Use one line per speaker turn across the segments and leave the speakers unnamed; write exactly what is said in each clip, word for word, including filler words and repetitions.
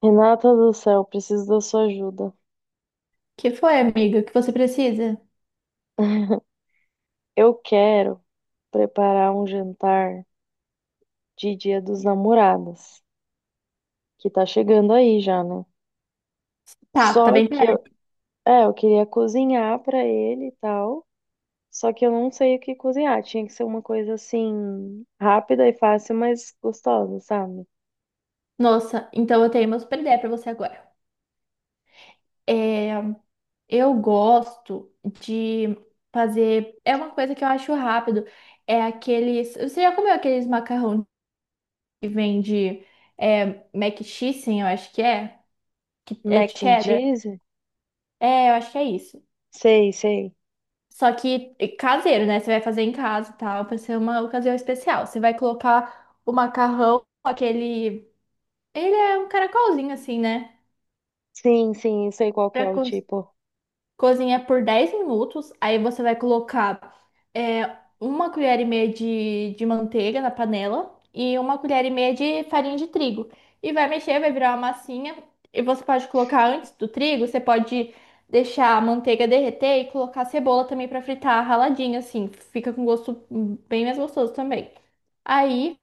Renata do céu, preciso da sua ajuda.
Que foi, amiga? O que você precisa?
Eu quero preparar um jantar de Dia dos Namorados, que tá chegando aí já, né?
Tá, tá
Só
bem
que eu,
perto.
é, eu queria cozinhar pra ele e tal, só que eu não sei o que cozinhar. Tinha que ser uma coisa assim rápida e fácil, mas gostosa, sabe?
Nossa, então eu tenho uma super ideia pra você agora. É, eu gosto de fazer. É uma coisa que eu acho rápido. É aqueles. Você já comeu aqueles macarrão que vende é, mac cheese, eu acho que é? Que é de
Mac and
cheddar?
cheese?
É, eu acho que é isso.
Sei, sei.
Só que é caseiro, né? Você vai fazer em casa e tal, pra ser uma ocasião especial. Você vai colocar o macarrão, aquele. Ele é um caracolzinho assim, né?
Sim, sim, eu sei qual que é
Para
o
co
tipo.
cozinhar por dez minutos. Aí você vai colocar é, uma colher e meia de, de manteiga na panela e uma colher e meia de farinha de trigo. E vai mexer, vai virar uma massinha. E você pode colocar antes do trigo, você pode deixar a manteiga derreter e colocar a cebola também para fritar raladinha, assim. Fica com gosto hum, bem mais gostoso também. Aí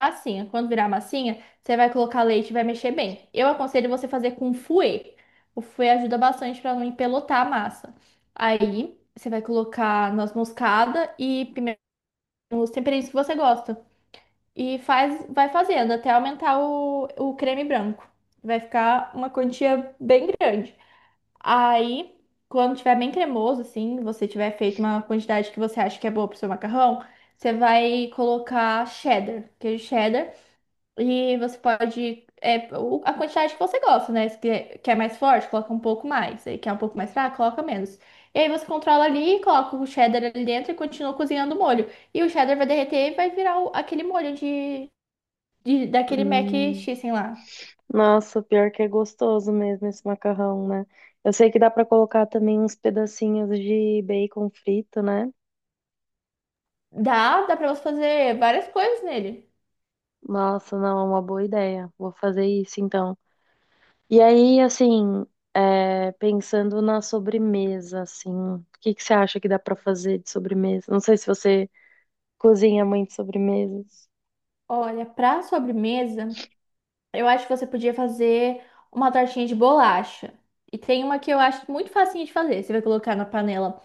massinha. Quando virar massinha, você vai colocar leite e vai mexer bem. Eu aconselho você fazer com fouet. O fouet ajuda bastante para não empelotar a massa. Aí, você vai colocar noz moscada e pimenta, os temperinhos que você gosta. E faz, vai fazendo até aumentar o, o creme branco. Vai ficar uma quantia bem grande. Aí, quando tiver bem cremoso, assim, você tiver feito uma quantidade que você acha que é boa pro seu macarrão, você vai colocar cheddar, queijo cheddar. E você pode. É, o- a quantidade que você gosta, né? Se quer, quer mais forte, coloca um pouco mais. Aí quer um pouco mais fraco, coloca menos. E aí você controla ali, coloca o cheddar ali dentro e continua cozinhando o molho. E o cheddar vai derreter e vai virar o- aquele molho de, de- daquele mac
Hum.
cheese lá.
Nossa, pior que é gostoso mesmo esse macarrão, né? Eu sei que dá pra colocar também uns pedacinhos de bacon frito, né?
Dá, dá pra você fazer várias coisas nele.
Nossa, não, é uma boa ideia. Vou fazer isso então. E aí, assim, é, pensando na sobremesa, assim, o que que você acha que dá pra fazer de sobremesa? Não sei se você cozinha muito sobremesas.
Olha, pra sobremesa, eu acho que você podia fazer uma tortinha de bolacha. E tem uma que eu acho muito facinho de fazer. Você vai colocar na panela.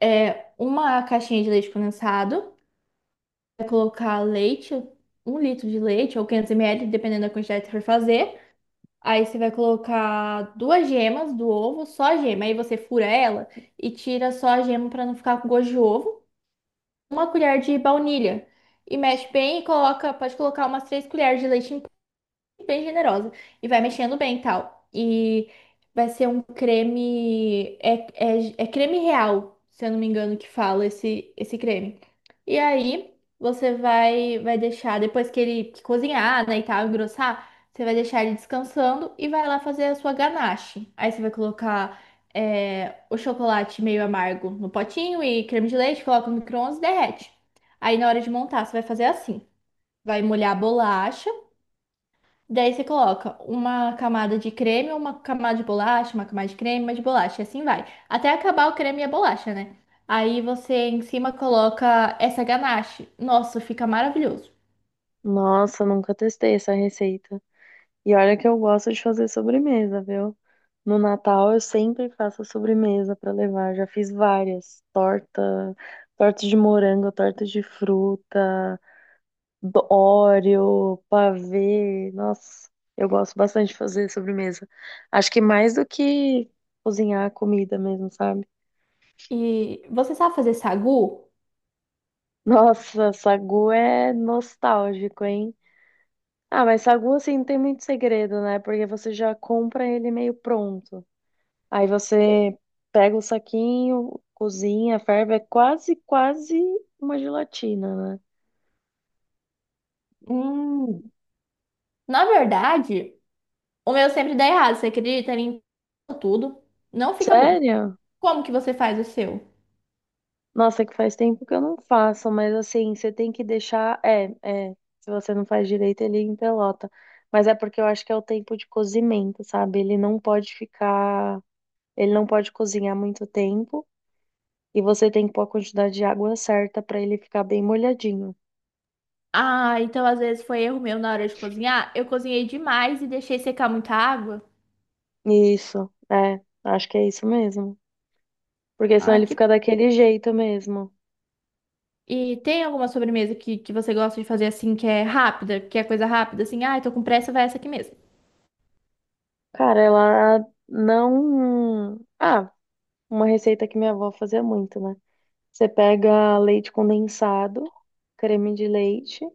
É uma caixinha de leite condensado, vai colocar leite, um litro de leite ou quinhentos mililitros, dependendo da quantidade que você for fazer. Aí você vai colocar duas gemas do ovo, só a gema. Aí você fura ela e tira só a gema para não ficar com gosto de ovo. Uma colher de baunilha. E mexe bem e coloca, pode colocar umas três colheres de leite em bem generosa. E vai mexendo bem e tal. E vai ser um creme. É, é, é creme real, se eu não me engano, que fala esse, esse, creme. E aí, você vai, vai deixar, depois que ele que cozinhar, né, e tal, engrossar, você vai deixar ele descansando e vai lá fazer a sua ganache. Aí você vai colocar é, o chocolate meio amargo no potinho e creme de leite, coloca no micro-ondas e derrete. Aí na hora de montar, você vai fazer assim: vai molhar a bolacha. Daí você coloca uma camada de creme, uma camada de bolacha, uma camada de creme, uma de bolacha, e assim vai. Até acabar o creme e a bolacha, né? Aí você em cima coloca essa ganache. Nossa, fica maravilhoso.
Nossa, nunca testei essa receita. E olha que eu gosto de fazer sobremesa, viu? No Natal eu sempre faço sobremesa para levar. Já fiz várias, torta, torta de morango, torta de fruta, do- Oreo, pavê. Nossa, eu gosto bastante de fazer sobremesa. Acho que mais do que cozinhar a comida mesmo, sabe?
E você sabe fazer sagu?
Nossa, sagu é nostálgico, hein? Ah, mas sagu assim não tem muito segredo, né? Porque você já compra ele meio pronto. Aí você pega o saquinho, cozinha, ferve, é quase, quase uma gelatina, né?
Hum. Na verdade, o meu sempre dá errado, você acredita? Ele empana tudo, não fica bom.
Sério?
Como que você faz o seu?
Nossa, é que faz tempo que eu não faço, mas assim, você tem que deixar. É, é. Se você não faz direito, ele empelota. Mas é porque eu acho que é o tempo de cozimento, sabe? Ele não pode ficar. Ele não pode cozinhar muito tempo. E você tem que pôr a quantidade de água certa pra ele ficar bem molhadinho.
Ah, então às vezes foi erro meu na hora de cozinhar. Eu cozinhei demais e deixei secar muita água.
Isso, é. Acho que é isso mesmo. Porque senão
Ah,
ele
que
fica daquele jeito mesmo.
E tem alguma sobremesa que, que você gosta de fazer assim, que é rápida, que é coisa rápida, assim, ai, tô com pressa, vai essa aqui mesmo.
Cara, ela não. Ah, uma receita que minha avó fazia muito, né? Você pega leite condensado, creme de leite,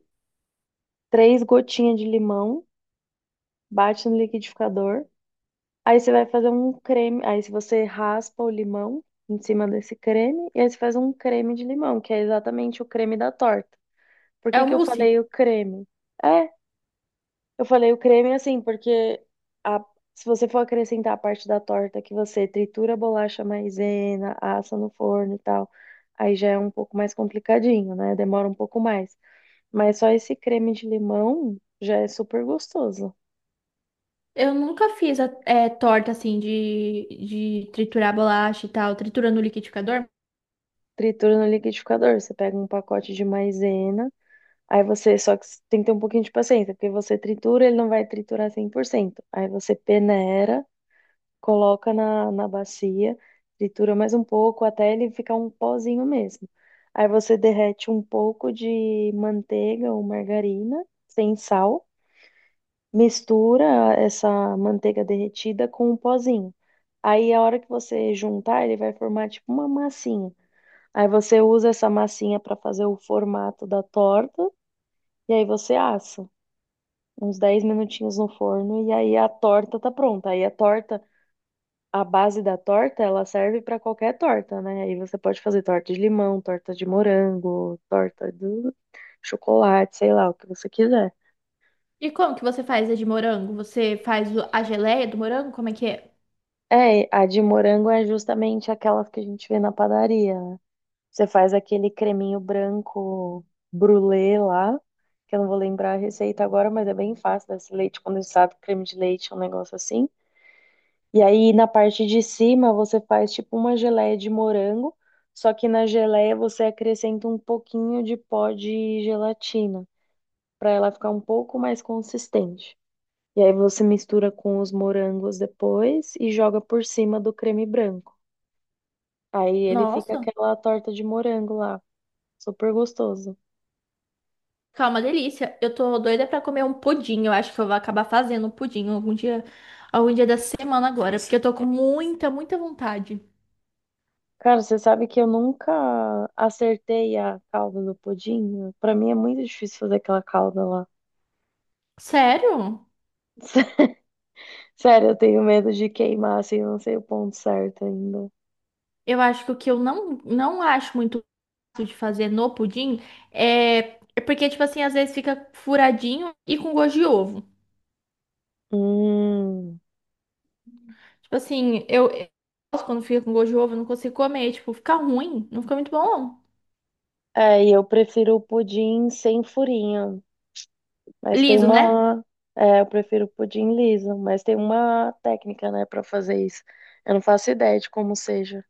três gotinhas de limão, bate no liquidificador. Aí você vai fazer um creme. Aí se você raspa o limão em cima desse creme, e aí você faz um creme de limão, que é exatamente o creme da torta. Por
É
que
o
que eu
mousse.
falei o creme? É. Eu falei o creme é assim, porque a- se você for acrescentar a parte da torta que você tritura a bolacha maisena, assa no forno e tal, aí já é um pouco mais complicadinho, né? Demora um pouco mais. Mas só esse creme de limão já é super gostoso.
Eu nunca fiz a, é, torta assim de, de triturar bolacha e tal, tritura no liquidificador.
Tritura no liquidificador, você pega um pacote de maisena, aí você só que tem que ter um pouquinho de paciência, porque você tritura, ele não vai triturar cem por cento. Aí você peneira, coloca na, na bacia, tritura mais um pouco até ele ficar um pozinho mesmo. Aí você derrete um pouco de manteiga ou margarina sem sal, mistura essa manteiga derretida com o pozinho. Aí a hora que você juntar, ele vai formar tipo uma massinha. Aí você usa essa massinha para fazer o formato da torta e aí você assa uns dez minutinhos no forno e aí a torta tá pronta. Aí a torta, a base da torta, ela serve para qualquer torta, né? Aí você pode fazer torta de limão, torta de morango, torta de chocolate, sei lá, o que você quiser.
E como que você faz a de morango? Você faz o- a geleia do morango? Como é que é?
É, a de morango é justamente aquela que a gente vê na padaria, né? Você faz aquele creminho branco brulê lá, que eu não vou lembrar a receita agora, mas é bem fácil, desse leite condensado, creme de leite, um negócio assim. E aí na parte de cima você faz tipo uma geleia de morango, só que na geleia você acrescenta um pouquinho de pó de gelatina, para ela ficar um pouco mais consistente. E aí você mistura com os morangos depois e joga por cima do creme branco. Aí ele fica
Nossa,
aquela torta de morango lá, super gostoso.
calma, delícia. Eu tô doida pra comer um pudim. Eu acho que eu vou acabar fazendo um pudim algum dia, algum dia da semana agora, porque eu tô com muita, muita vontade.
Cara, você sabe que eu nunca acertei a calda do pudim? Para mim é muito difícil fazer aquela calda lá.
Sério?
Sério, eu tenho medo de queimar, assim, eu não sei o ponto certo ainda.
Eu acho que o que eu não, não acho muito fácil de fazer no pudim é, é porque, tipo assim, às vezes fica furadinho e com gosto de ovo.
Hum.
Tipo assim, eu, eu gosto quando fica com gosto de ovo, eu não consigo comer. Tipo, fica ruim, não fica muito bom, não.
É, e eu prefiro o pudim sem furinho, mas tem
Liso, né?
uma. É, eu prefiro o pudim liso, mas tem uma técnica, né, pra fazer isso. Eu não faço ideia de como seja.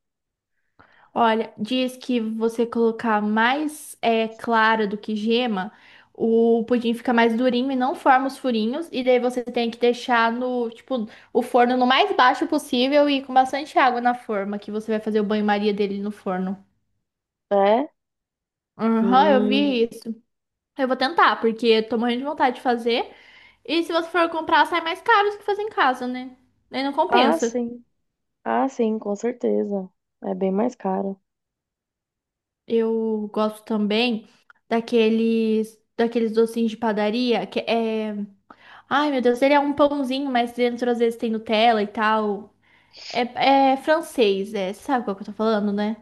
Olha, diz que você colocar mais é, clara do que gema, o pudim fica mais durinho e não forma os furinhos. E daí você tem que deixar no, tipo, o forno no mais baixo possível e com bastante água na forma, que você vai fazer o banho-maria dele no forno.
É?
Aham, eu
Hum.
vi isso. Eu vou tentar, porque eu tô morrendo de vontade de fazer. E se você for comprar, sai mais caro do que fazer em casa, né? Aí não
Ah,
compensa.
sim. Ah, sim, com certeza. É bem mais caro.
Eu gosto também daqueles, daqueles docinhos de padaria que é. Ai, meu Deus, ele é um pãozinho, mas dentro às vezes tem Nutella e tal. É, é francês, é. Sabe qual que eu tô falando, né?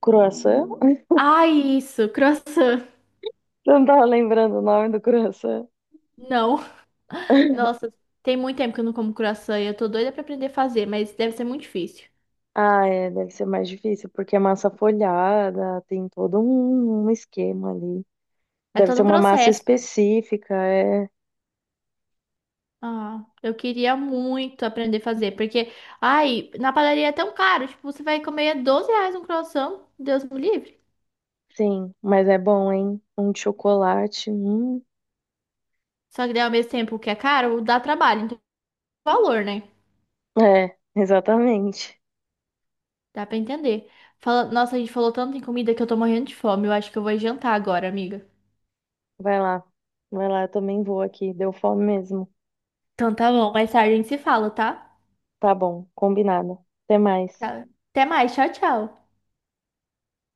Croissant?
Ai, isso, croissant.
Você não tava lembrando o nome do croissant?
Não. Nossa, tem muito tempo que eu não como croissant e eu tô doida pra aprender a fazer, mas deve ser muito difícil.
Ah, é, deve ser mais difícil, porque é massa folhada, tem todo um, um esquema ali.
É
Deve ser
todo um
uma massa
processo.
específica, é.
Ah, eu queria muito aprender a fazer, porque, ai, na padaria é tão caro. Tipo, você vai comer doze reais um croissant, Deus me livre.
Sim, mas é bom, hein? Um de chocolate. Hum.
Só que daí, ao mesmo tempo que é caro, dá trabalho, então valor, né?
É, exatamente.
Dá pra entender. Fala... Nossa, a gente falou tanto em comida que eu tô morrendo de fome. Eu acho que eu vou jantar agora, amiga.
Vai lá. Vai lá, eu também vou aqui. Deu fome mesmo.
Então tá bom, mais tarde a gente se fala, tá?
Tá bom, combinado. Até mais.
Tá. Até mais, tchau, tchau.